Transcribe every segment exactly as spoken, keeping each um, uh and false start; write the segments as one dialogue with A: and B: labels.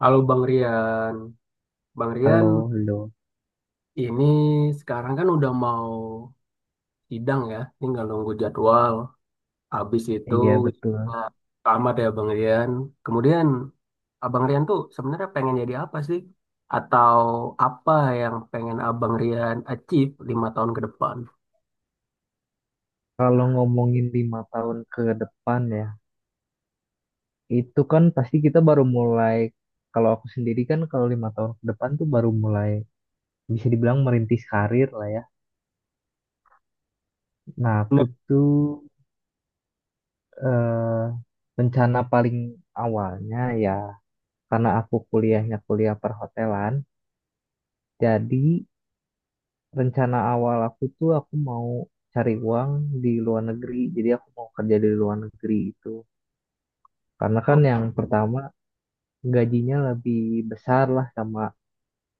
A: Halo Bang Rian. Bang
B: Halo,
A: Rian,
B: halo.
A: ini sekarang kan udah mau sidang ya, tinggal nunggu jadwal. Habis itu
B: Iya,
A: wisuda.
B: betul.
A: Tamat ya Bang Rian. Kemudian Abang Rian tuh sebenarnya pengen jadi apa sih? Atau apa yang pengen Abang Rian achieve lima tahun ke depan?
B: Kalau ngomongin lima tahun ke depan ya, itu kan pasti kita baru mulai. Kalau aku sendiri kan kalau lima tahun ke depan tuh baru mulai, bisa dibilang merintis karir lah ya. Nah, aku
A: Nah,
B: tuh eh, rencana paling awalnya ya, karena aku kuliahnya kuliah perhotelan, jadi rencana awal aku tuh aku mau cari uang di luar negeri. Jadi aku mau kerja di luar negeri itu. Karena kan yang pertama gajinya lebih besar lah sama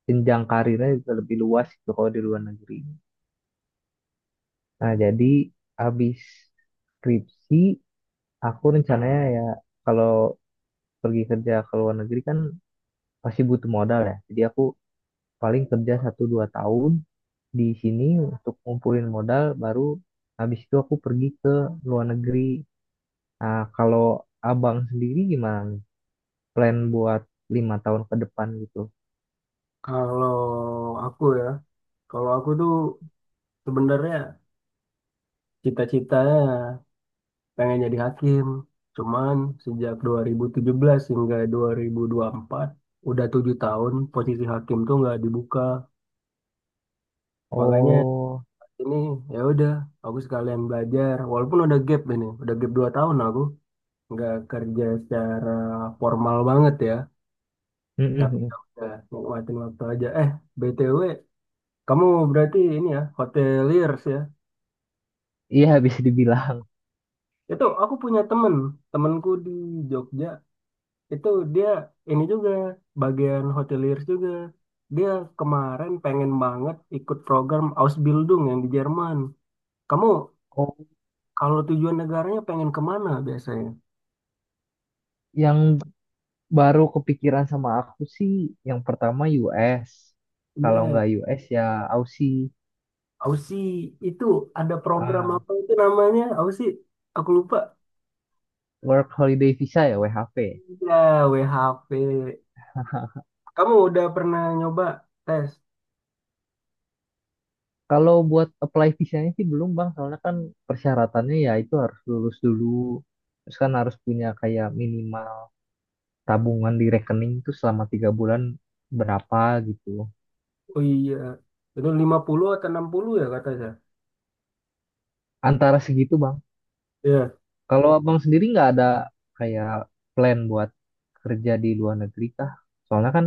B: jenjang karirnya juga lebih luas gitu kalau di luar negeri. Nah, jadi habis skripsi aku rencananya ya kalau pergi kerja ke luar negeri kan pasti butuh modal ya. Jadi aku paling kerja satu dua tahun di sini untuk ngumpulin modal baru habis itu aku pergi ke luar negeri. Nah, kalau abang sendiri gimana nih? Plan buat lima tahun ke depan gitu.
A: kalau aku ya, kalau aku tuh sebenarnya cita-citanya pengen jadi hakim. Cuman sejak dua nol satu tujuh hingga dua ribu dua puluh empat udah tujuh tahun posisi hakim tuh nggak dibuka. Makanya,
B: Oh,
A: oh, ini ya udah, aku sekalian belajar. Walaupun udah gap ini, udah gap dua tahun aku nggak kerja secara formal banget ya. Tapi ya udah nikmatin waktu aja. Eh, B T W, kamu berarti ini ya hoteliers ya.
B: iya bisa dibilang.
A: Itu aku punya temen, temenku di Jogja itu dia ini juga bagian hoteliers juga. Dia kemarin pengen banget ikut program Ausbildung yang di Jerman. Kamu
B: Oh,
A: kalau tujuan negaranya pengen kemana biasanya?
B: yang baru kepikiran sama aku sih yang pertama U S. Kalau
A: Be,
B: nggak U S ya Aussie,
A: Aussie itu ada program
B: ah,
A: apa itu namanya? Aussie, aku lupa.
B: Work Holiday Visa ya W H V.
A: Ya, W H P. Kamu udah pernah nyoba tes?
B: Kalau buat apply visanya sih belum Bang, soalnya kan persyaratannya ya itu harus lulus dulu. Terus kan harus punya kayak minimal tabungan di rekening itu selama tiga bulan berapa gitu.
A: Oh iya, itu lima puluh atau enam puluh ya kata saya.
B: Antara segitu Bang.
A: Iya,
B: Kalau abang sendiri nggak ada kayak plan buat kerja di luar negeri kah? Soalnya kan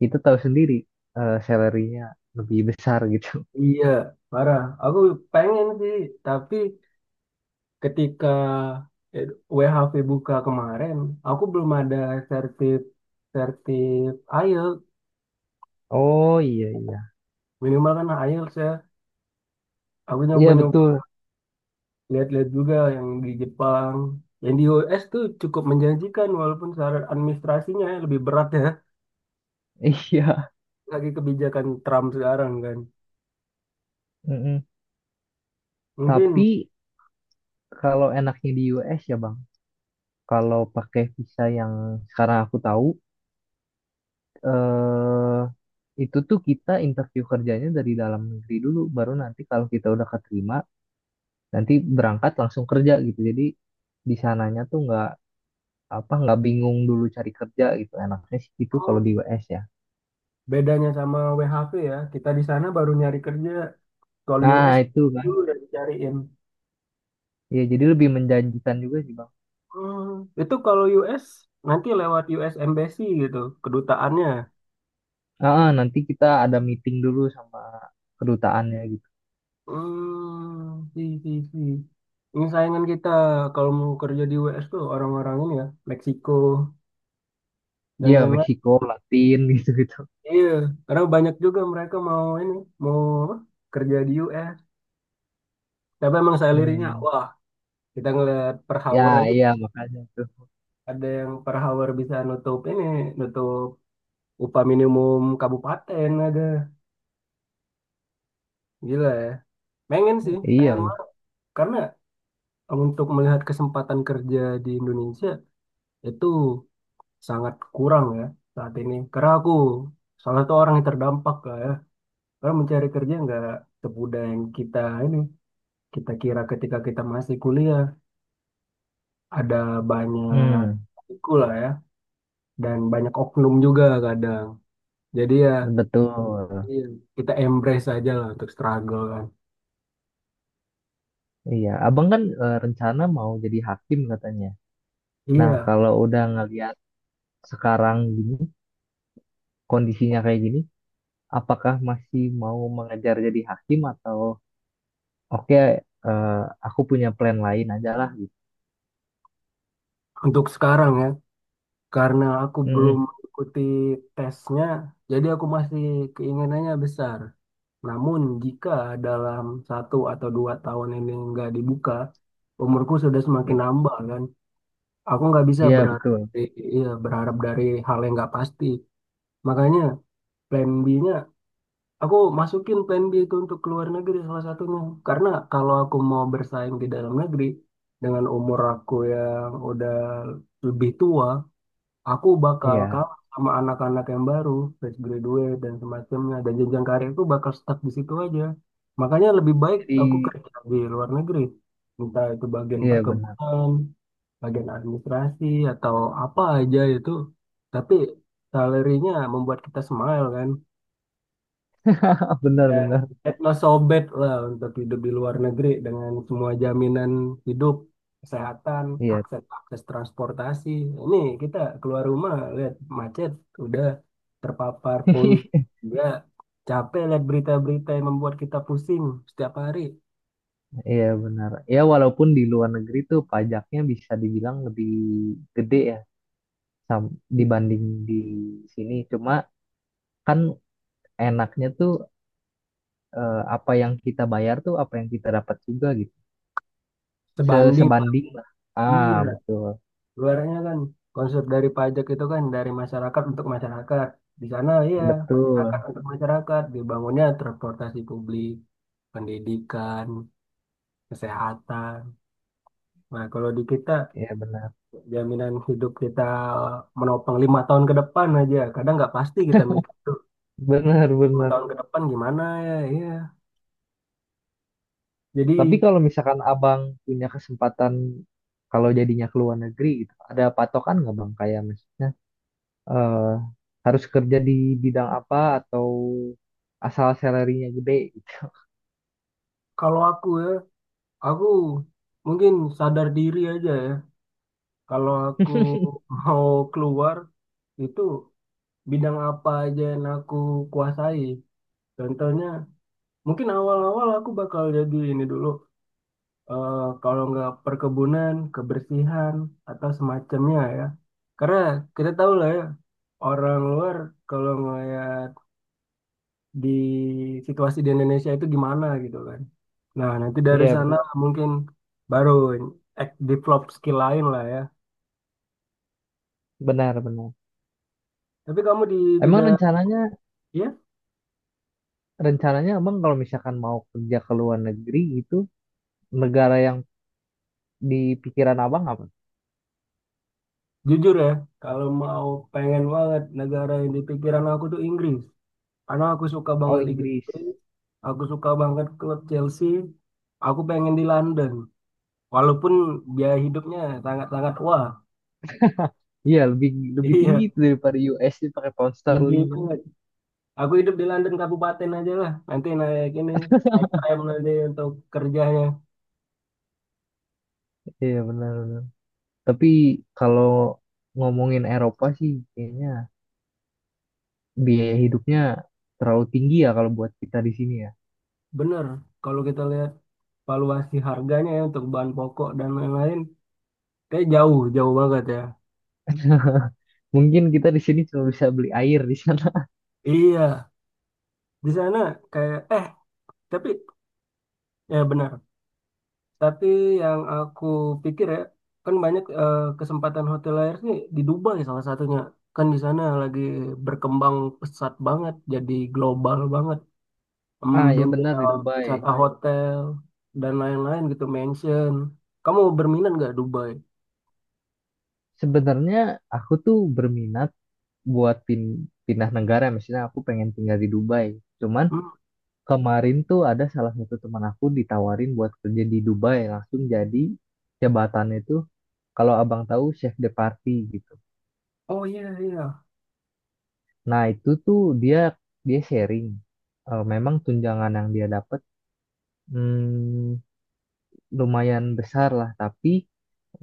B: kita tahu sendiri eh salary-nya lebih besar gitu.
A: iya, parah. Aku pengen sih, tapi ketika eh, W H V buka kemarin, aku belum ada sertif sertif IELTS.
B: Oh, iya iya.
A: Minimal kan IELTS ya. Aku
B: Iya
A: nyoba-nyoba
B: betul.
A: lihat-lihat juga yang di Jepang. Yang di U S tuh cukup menjanjikan walaupun syarat administrasinya ya lebih berat ya.
B: Iya.
A: Lagi kebijakan Trump sekarang kan.
B: Mm-mm. Tapi
A: Mungkin.
B: kalau enaknya di U S ya Bang, kalau pakai visa yang sekarang aku tahu, eh itu tuh kita interview kerjanya dari dalam negeri dulu, baru nanti kalau kita udah keterima, nanti berangkat langsung kerja gitu. Jadi di sananya tuh nggak apa nggak bingung dulu cari kerja gitu, enaknya sih itu kalau di
A: Oh,
B: U S ya.
A: bedanya sama W H V ya, kita di sana baru nyari kerja. Kalau
B: Nah,
A: U S
B: itu kan
A: dulu udah dicariin.
B: ya jadi lebih menjanjikan juga sih Bang.
A: Hmm, itu kalau U S nanti lewat U S Embassy gitu, kedutaannya.
B: Ah nanti kita ada meeting dulu sama kedutaannya gitu.
A: Hmm, si, si, si. Ini saingan kita kalau mau kerja di U S tuh orang-orang ini ya, Meksiko dan
B: Ya,
A: lain-lain.
B: Meksiko Latin, gitu gitu.
A: Iya, karena banyak juga mereka mau ini, mau apa, kerja di U S. Tapi emang salarynya,
B: Hmm,
A: wah, kita ngeliat per
B: ya
A: hour aja,
B: iya makanya tuh.
A: ada yang per hour bisa nutup ini, nutup upah minimum kabupaten ada. Gila ya. Pengen sih,
B: Iya
A: pengen
B: Bang.
A: banget. Karena untuk melihat kesempatan kerja di Indonesia itu sangat kurang ya saat ini. Karena aku salah satu orang yang terdampak lah ya. Karena mencari kerja nggak semudah yang kita ini kita kira ketika kita masih kuliah ada banyak
B: Hmm,
A: tiku lah ya dan banyak oknum juga kadang. Jadi ya
B: betul.
A: iya, kita embrace aja lah untuk struggle kan.
B: Iya abang kan, eh, rencana mau jadi hakim katanya. Nah,
A: Iya,
B: kalau udah ngeliat sekarang gini kondisinya kayak gini, apakah masih mau mengejar jadi hakim atau, oke, eh, aku punya plan lain aja lah gitu.
A: untuk sekarang ya. Karena aku belum
B: Mm-mm.
A: mengikuti tesnya, jadi aku masih keinginannya besar. Namun jika dalam satu atau dua tahun ini nggak dibuka, umurku sudah semakin
B: Mm.
A: nambah kan. Aku nggak bisa
B: Iya
A: berharap,
B: betul.
A: dari- iya, berharap dari hal yang nggak pasti. Makanya plan B-nya, aku masukin plan B itu untuk keluar negeri salah satunya. Karena kalau aku mau bersaing di dalam negeri, dengan umur aku yang udah lebih tua, aku bakal
B: Iya.
A: kalah sama anak-anak yang baru, fresh graduate dan semacamnya. Dan jenjang karir itu bakal stuck di situ aja. Makanya lebih baik
B: Jadi
A: aku kerja di luar negeri. Entah itu bagian
B: iya benar.
A: perkebunan, bagian administrasi, atau apa aja itu. Tapi salarinya membuat kita smile kan.
B: Benar
A: Dan
B: benar.
A: Etno sobek lah untuk hidup di luar negeri dengan semua jaminan hidup, kesehatan,
B: Iya.
A: akses akses transportasi. Ini kita keluar rumah lihat macet, udah terpapar polusi, udah capek lihat berita-berita yang membuat kita pusing setiap hari.
B: Iya benar. Ya walaupun di luar negeri tuh pajaknya bisa dibilang lebih gede ya dibanding di sini. Cuma kan enaknya tuh, eh, apa yang kita bayar tuh apa yang kita dapat juga gitu. Se-
A: Sebanding,
B: Sebanding lah. Ah,
A: iya,
B: betul.
A: luarnya kan konsep dari pajak itu kan dari masyarakat untuk masyarakat. Di sana iya, masyarakat
B: Betul.
A: untuk masyarakat, dibangunnya transportasi publik pendidikan, kesehatan. Nah, kalau di kita
B: Iya benar.
A: jaminan hidup kita menopang lima tahun ke depan aja. Kadang nggak pasti kita mikir tuh
B: Benar
A: lima
B: benar.
A: tahun ke depan gimana ya. Iya. Jadi
B: Tapi kalau misalkan abang punya kesempatan kalau jadinya ke luar negeri gitu, ada patokan nggak Bang? Kayak maksudnya, eh, harus kerja di bidang apa atau asal salary-nya gede gitu?
A: kalau aku ya, aku mungkin sadar diri aja ya. Kalau aku mau keluar itu bidang apa aja yang aku kuasai. Contohnya, mungkin awal-awal aku bakal jadi ini dulu, eh, kalau nggak perkebunan, kebersihan, atau semacamnya ya. Karena kita tahu lah ya, orang luar kalau ngeliat di situasi di Indonesia itu gimana gitu kan. Nah, nanti dari
B: Iya
A: sana
B: benar,
A: mungkin baru ek- develop skill lain lah ya.
B: benar benar.
A: Tapi kamu di
B: Emang
A: bidang,
B: rencananya
A: ya
B: rencananya abang kalau misalkan mau kerja ke luar negeri itu, negara yang di pikiran abang apa?
A: jujur ya, kalau mau pengen banget negara yang di pikiran aku tuh Inggris. Karena aku suka banget
B: Oh,
A: Liga
B: Inggris.
A: Inggris, aku suka banget klub Chelsea, aku pengen di London. Walaupun biaya hidupnya sangat-sangat wah.
B: Iya, lebih lebih tinggi
A: Iya,
B: itu daripada U S, dia pakai pound
A: tinggi
B: sterling kan?
A: banget. Aku hidup di London kabupaten aja lah. Nanti naik ini, naik tram nanti untuk kerjanya.
B: Iya benar. Tapi kalau ngomongin Eropa sih, kayaknya biaya hidupnya terlalu tinggi ya kalau buat kita di sini ya.
A: Bener, kalau kita lihat valuasi harganya ya untuk bahan pokok dan lain-lain, kayak jauh, jauh banget ya.
B: Mungkin kita di sini cuma bisa beli air di sana.
A: Iya, di sana kayak eh tapi ya benar. Tapi yang aku pikir ya, kan banyak eh, kesempatan hotel air nih di Dubai salah satunya. Kan di sana lagi berkembang pesat banget, jadi global banget. Em,
B: Ah ya benar,
A: dunia
B: di Dubai.
A: wisata hotel dan lain-lain gitu, mansion. Kamu berminat nggak Dubai?
B: Sebenarnya aku tuh berminat buat pin- pindah negara, misalnya aku pengen tinggal di Dubai. Cuman
A: Hmm?
B: kemarin tuh ada salah satu teman aku ditawarin buat kerja di Dubai, langsung jadi jabatannya tuh, kalau abang tahu, chef de party gitu.
A: Oh iya iya,
B: Nah, itu tuh dia dia sharing. Eh, memang tunjangan yang dia dapat, hmm, lumayan besar lah, tapi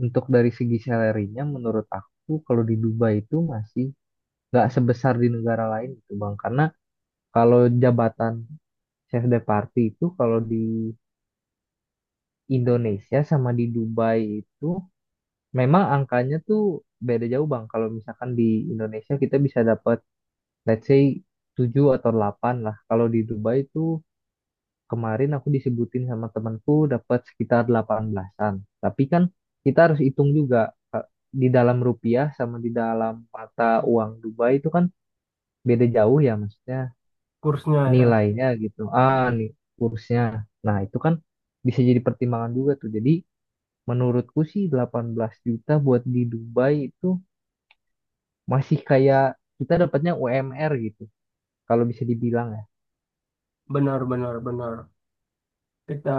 B: untuk dari segi salary-nya menurut aku kalau di Dubai itu masih nggak sebesar di negara lain gitu Bang. Karena kalau jabatan chef de party itu, kalau di Indonesia sama di Dubai itu memang angkanya tuh beda jauh Bang. Kalau misalkan di Indonesia kita bisa dapat let's say tujuh atau delapan lah. Kalau di Dubai itu, kemarin aku disebutin sama temanku dapat sekitar delapan belasan-an. Tapi kan kita harus hitung juga Kak, di dalam rupiah sama di dalam mata uang Dubai itu kan beda jauh ya, maksudnya
A: kursnya ya.
B: nilainya gitu. Ah, nih kursnya. Nah, itu kan bisa jadi pertimbangan juga tuh. Jadi menurutku sih delapan belas juta buat di Dubai itu masih kayak kita dapatnya U M R gitu. Kalau bisa dibilang ya.
A: Benar benar benar. Kita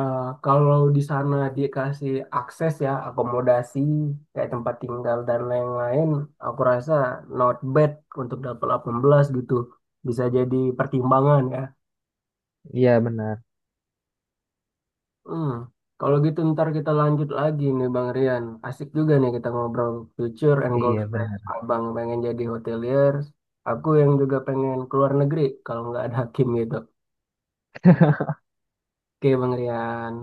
A: kalau di sana dikasih akses ya akomodasi kayak tempat tinggal dan lain-lain, aku rasa not bad untuk dapat delapan belas gitu. Bisa jadi pertimbangan ya.
B: Iya benar.
A: Hmm. Kalau gitu ntar kita lanjut lagi nih Bang Rian. Asik juga nih kita ngobrol future and goals
B: Iya
A: plan.
B: benar.
A: Abang pengen jadi hotelier, aku yang juga pengen keluar negeri kalau nggak ada Hakim gitu. Oke Bang Rian.